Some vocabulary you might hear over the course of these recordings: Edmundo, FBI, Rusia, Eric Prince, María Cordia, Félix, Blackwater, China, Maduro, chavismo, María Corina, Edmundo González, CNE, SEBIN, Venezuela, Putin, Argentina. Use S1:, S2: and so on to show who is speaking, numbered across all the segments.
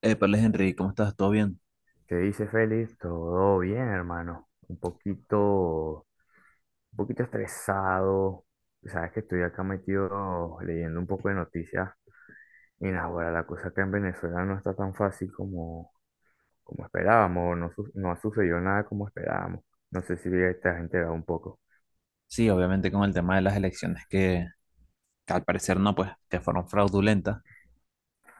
S1: Épales, Henry, ¿cómo estás? ¿Todo bien?
S2: ¿Qué dice Félix? Todo bien, hermano. Un poquito estresado. Sabes que estoy acá metido leyendo un poco de noticias. Y nada, bueno la cosa acá en Venezuela no está tan fácil como esperábamos. No, no ha sucedido nada como esperábamos. No sé si te has enterado un poco.
S1: Sí, obviamente con el tema de las elecciones que al parecer no, pues, que fueron fraudulentas.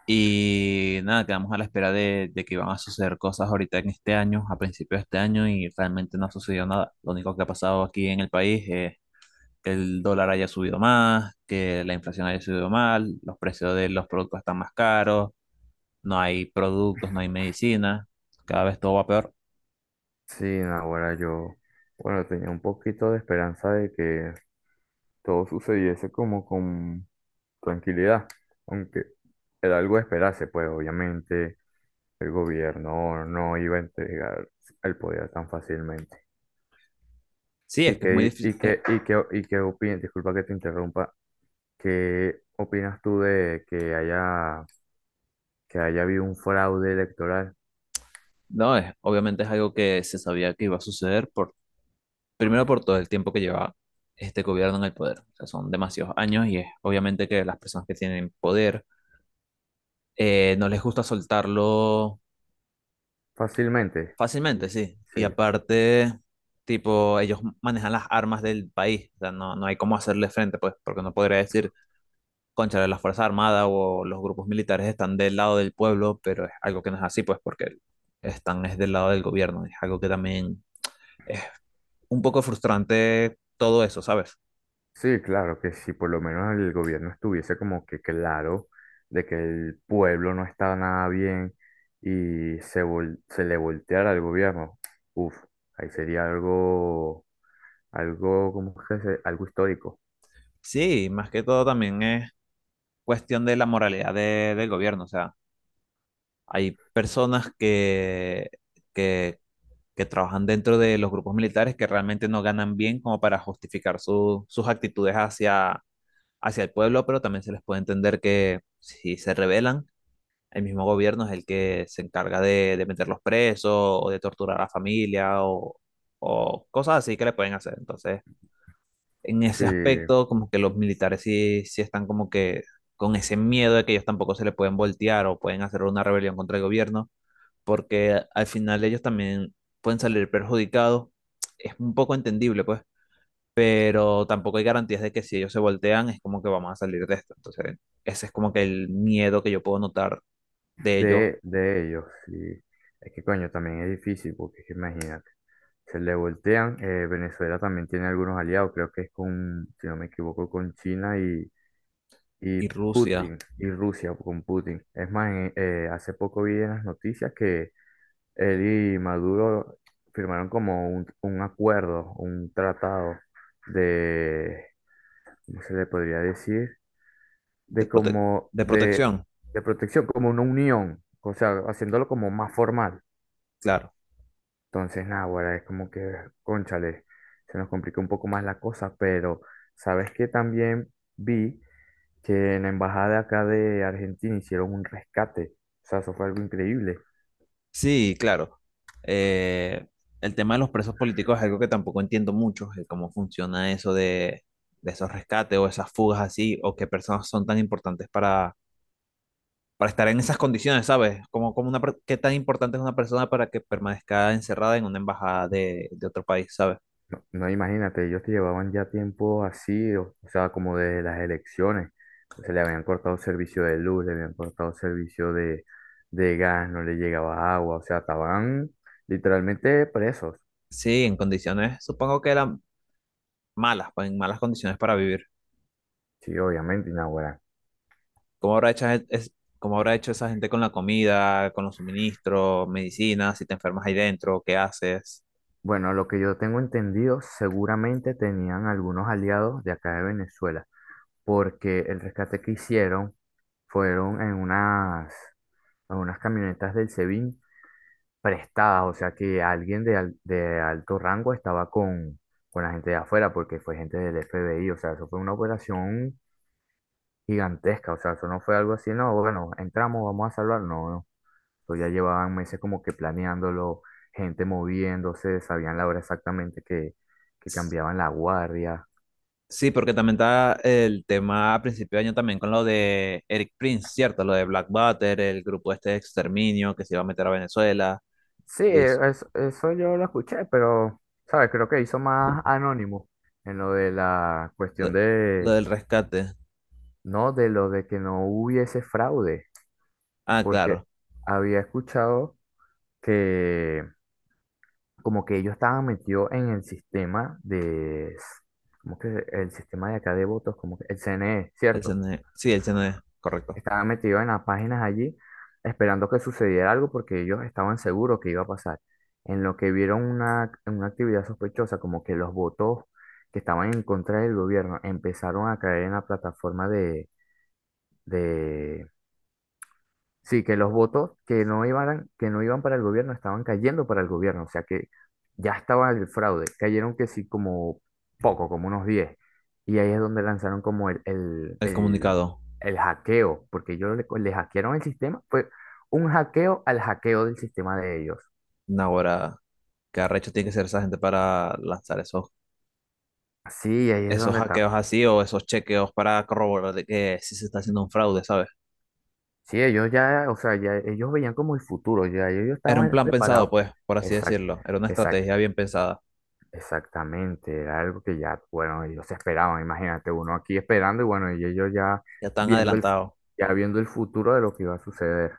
S1: Y nada, quedamos a la espera de que iban a suceder cosas ahorita en este año, a principios de este año, y realmente no ha sucedido nada. Lo único que ha pasado aquí en el país es que el dólar haya subido más, que la inflación haya subido mal, los precios de los productos están más caros, no hay productos, no hay medicina, cada vez todo va peor.
S2: Sí, nada bueno yo, bueno, tenía un poquito de esperanza de que todo sucediese como con tranquilidad, aunque era algo de esperarse, pues obviamente el gobierno no iba a entregar el poder tan fácilmente.
S1: Sí, es
S2: ¿Y
S1: que es muy
S2: qué,
S1: difícil.
S2: y qué, y qué, y qué opinas? Disculpa que te interrumpa. ¿Qué opinas tú de que haya habido un fraude electoral
S1: No, es, obviamente es algo que se sabía que iba a suceder por. Primero por todo el tiempo que lleva este gobierno en el poder. O sea, son demasiados años y es obviamente que las personas que tienen poder no les gusta soltarlo
S2: fácilmente?
S1: fácilmente, sí. Y
S2: Sí.
S1: aparte, tipo, ellos manejan las armas del país. O sea, no hay cómo hacerle frente, pues, porque no podría decir, concha, las Fuerzas Armadas o los grupos militares están del lado del pueblo, pero es algo que no es así, pues, porque están es del lado del gobierno. Es algo que también es un poco frustrante todo eso, ¿sabes?
S2: Sí, claro que si por lo menos el gobierno estuviese como que claro de que el pueblo no está nada bien y se le volteara al gobierno, uff, ahí sería ¿cómo es Algo histórico.
S1: Sí, más que todo también es cuestión de la moralidad de- del gobierno. O sea, hay personas que, que trabajan dentro de los grupos militares que realmente no ganan bien como para justificar su- sus actitudes hacia, hacia el pueblo, pero también se les puede entender que si se rebelan, el mismo gobierno es el que se encarga de meterlos presos o de torturar a la familia o cosas así que le pueden hacer. Entonces, en
S2: Sí,
S1: ese aspecto, como que los militares sí, sí están como que con ese miedo de que ellos tampoco se le pueden voltear o pueden hacer una rebelión contra el gobierno, porque al final ellos también pueden salir perjudicados. Es un poco entendible, pues, pero tampoco hay garantías de que si ellos se voltean es como que vamos a salir de esto. Entonces, ese es como que el miedo que yo puedo notar de ellos
S2: de ellos, sí. Es que coño, también es difícil porque es que imagínate, se le voltean, Venezuela también tiene algunos aliados, creo que es con, si no me equivoco, con China y
S1: y Rusia
S2: Putin, y Rusia con Putin. Es más, hace poco vi en las noticias que él y Maduro firmaron como un acuerdo, un tratado de, ¿cómo se le podría decir?
S1: de
S2: De
S1: prote-
S2: como,
S1: de
S2: de,
S1: protección,
S2: de protección, como una unión, o sea, haciéndolo como más formal.
S1: claro.
S2: Entonces, nada, ahora es como que, cónchale, se nos complica un poco más la cosa, pero sabes que también vi que en la embajada acá de Argentina hicieron un rescate. O sea, eso fue algo increíble.
S1: Sí, claro. Eh, el tema de los presos políticos es algo que tampoco entiendo mucho, el cómo funciona eso de esos rescates o esas fugas así, o qué personas son tan importantes para estar en esas condiciones, ¿sabes? Como, como una, per- qué tan importante es una persona para que permanezca encerrada en una embajada de otro país, ¿sabes?
S2: No, no, imagínate, ellos te llevaban ya tiempo así, o sea, como de las elecciones. O sea, le habían cortado servicio de luz, le habían cortado servicio de gas, no le llegaba agua, o sea, estaban literalmente presos.
S1: Sí, en condiciones, supongo que eran malas, pues, en malas condiciones para vivir.
S2: Sí, obviamente, Inaugurán.
S1: ¿Cómo habrá hecho, es- cómo habrá hecho esa gente con la comida, con los suministros, medicinas, si te enfermas ahí dentro, qué haces?
S2: Bueno, lo que yo tengo entendido, seguramente tenían algunos aliados de acá de Venezuela, porque el rescate que hicieron fueron en unas camionetas del SEBIN prestadas, o sea que alguien de alto rango estaba con la gente de afuera, porque fue gente del FBI, o sea, eso fue una operación gigantesca, o sea, eso no fue algo así, no, bueno, entramos, vamos a salvar, no, no, eso ya llevaban meses como que planeándolo, gente moviéndose, sabían la hora exactamente que cambiaban la guardia.
S1: Sí, porque también está el tema a principio de año también con lo de Eric Prince, ¿cierto? Lo de Blackwater, el grupo este de exterminio que se iba a meter a Venezuela,
S2: Sí,
S1: y
S2: eso yo lo escuché, pero, ¿sabes? Creo que hizo más anónimo en lo de la cuestión
S1: lo, lo
S2: de
S1: del rescate.
S2: no, de lo de que no hubiese fraude,
S1: Ah,
S2: porque
S1: claro,
S2: había escuchado que como que ellos estaban metidos en el sistema de, como que el sistema de acá de votos, como que el CNE,
S1: el
S2: ¿cierto?
S1: CNE. Sí, el CNE, correcto.
S2: Estaban metidos en las páginas allí esperando que sucediera algo porque ellos estaban seguros que iba a pasar. En lo que vieron una actividad sospechosa, como que los votos que estaban en contra del gobierno empezaron a caer en la plataforma de sí, que los votos que no iban para el gobierno estaban cayendo para el gobierno, o sea que ya estaba el fraude, cayeron que sí como poco, como unos 10. Y ahí es donde lanzaron como
S1: El comunicado.
S2: el hackeo, porque ellos le hackearon el sistema, fue un hackeo al hackeo del sistema de ellos.
S1: Ahora, qué arrecho tiene que ser esa gente para lanzar esos,
S2: Sí, ahí es
S1: esos
S2: donde está.
S1: hackeos así o esos chequeos para corroborar de que sí se está haciendo un fraude, ¿sabes?
S2: Sí, ellos ya, o sea, ya ellos veían como el futuro, ya ellos
S1: Era un
S2: estaban
S1: plan pensado,
S2: preparados.
S1: pues, por así decirlo. Era una
S2: Exacto,
S1: estrategia bien pensada.
S2: exactamente, era algo que ya, bueno, ellos esperaban, imagínate, uno aquí esperando y bueno, y ellos ya
S1: Ya están
S2: viendo
S1: adelantados.
S2: ya viendo el futuro de lo que iba a suceder.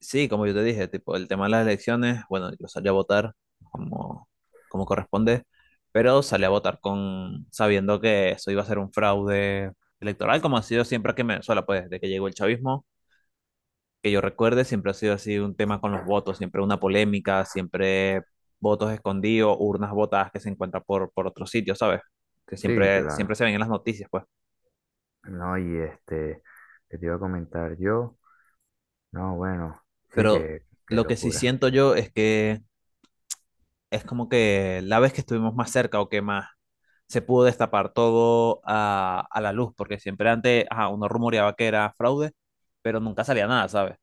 S1: Sí, como yo te dije, tipo, el tema de las elecciones, bueno, yo salí a votar como, como corresponde, pero salí a votar con sabiendo que eso iba a ser un fraude electoral, como ha sido siempre aquí en Venezuela, pues desde que llegó el chavismo, que yo recuerde, siempre ha sido así un tema con los votos, siempre una polémica, siempre votos escondidos, urnas votadas que se encuentran por otros sitios, ¿sabes? Que
S2: Sí,
S1: siempre, siempre
S2: claro.
S1: se ven en las noticias, pues.
S2: No, y este, que te iba a comentar yo, no, bueno, sí,
S1: Pero
S2: que, qué
S1: lo que sí
S2: locura.
S1: siento yo es que es como que la vez que estuvimos más cerca o que más se pudo destapar todo a la luz, porque siempre antes ajá, uno rumoreaba que era fraude, pero nunca salía nada, ¿sabes?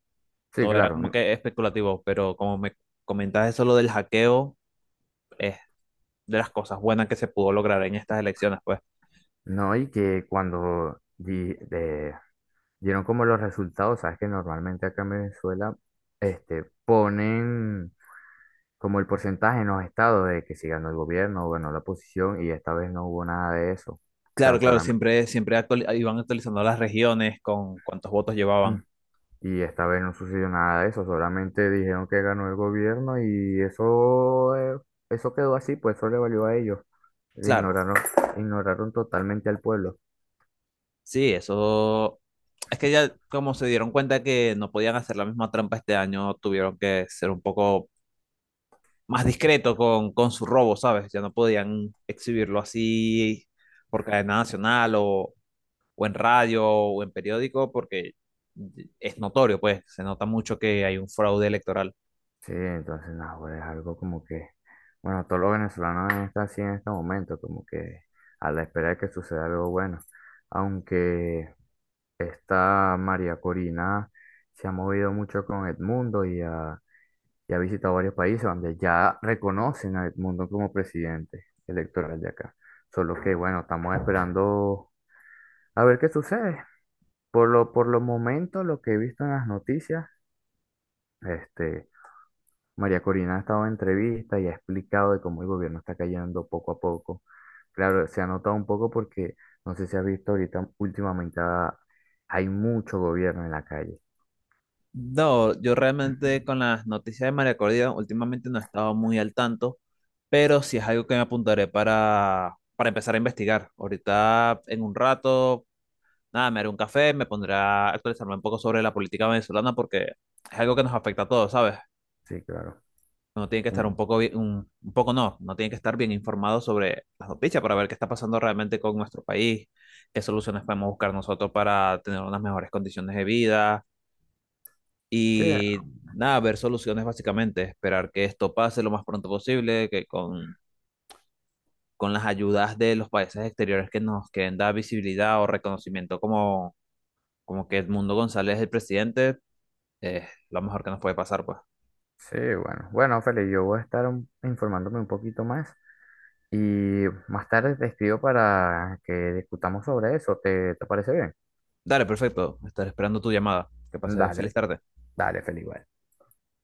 S2: Sí,
S1: Todo era
S2: claro,
S1: como que especulativo, pero como me comentas eso lo del hackeo, es de las cosas buenas que se pudo lograr en estas elecciones, pues.
S2: no, y que cuando dieron como los resultados, sabes que normalmente acá en Venezuela, este, ponen como el porcentaje en los estados de que si ganó el gobierno o ganó la oposición y esta vez no hubo nada de eso. O sea,
S1: Claro, claro,
S2: solamente...
S1: siempre, siempre actuali- iban actualizando las regiones con cuántos votos llevaban.
S2: Y esta vez no sucedió nada de eso, solamente dijeron que ganó el gobierno y eso, eso quedó así, pues eso le valió a ellos.
S1: Claro,
S2: Ignoraron, ignoraron totalmente al pueblo.
S1: sí, eso. Es que ya como se dieron cuenta que no podían hacer la misma trampa este año, tuvieron que ser un poco más discretos con su robo, ¿sabes? Ya no podían exhibirlo así por cadena nacional o en radio o en periódico porque es notorio, pues se nota mucho que hay un fraude electoral.
S2: Sí, entonces, no, pues, es algo como que, bueno, todos los venezolanos están así en este momento, como que a la espera de que suceda algo bueno. Aunque esta María Corina se ha movido mucho con Edmundo y ha visitado varios países donde ya reconocen a Edmundo como presidente electoral de acá. Solo que, bueno, estamos esperando a ver qué sucede. Por lo momento, lo que he visto en las noticias, este, María Corina ha estado en entrevistas y ha explicado de cómo el gobierno está cayendo poco a poco. Claro, se ha notado un poco porque no sé si has visto ahorita últimamente hay mucho gobierno en la calle.
S1: No, yo realmente con las noticias de María Cordia últimamente no he estado muy al tanto, pero sí es algo que me apuntaré para empezar a investigar. Ahorita en un rato, nada, me haré un café, me pondré a actualizarme un poco sobre la política venezolana porque es algo que nos afecta a todos, ¿sabes?
S2: Sí, claro.
S1: Uno tiene que estar
S2: Mm,
S1: un poco bien, un poco no, no tiene que estar bien informado sobre las noticias para ver qué está pasando realmente con nuestro país, qué soluciones podemos buscar nosotros para tener unas mejores condiciones de vida
S2: sí,
S1: y nada, ver soluciones básicamente, esperar que esto pase lo más pronto posible, que con las ayudas de los países exteriores que nos quieren dar visibilidad o reconocimiento como, como que Edmundo González es el presidente, es lo mejor que nos puede pasar, pues.
S2: sí, bueno. Bueno, Feli, yo voy a estar informándome un poquito más y más tarde te escribo para que discutamos sobre eso. ¿Te, te parece bien?
S1: Dale, perfecto. Estaré esperando tu llamada. Que pases feliz
S2: Dale,
S1: tarde.
S2: dale, Feli, vale.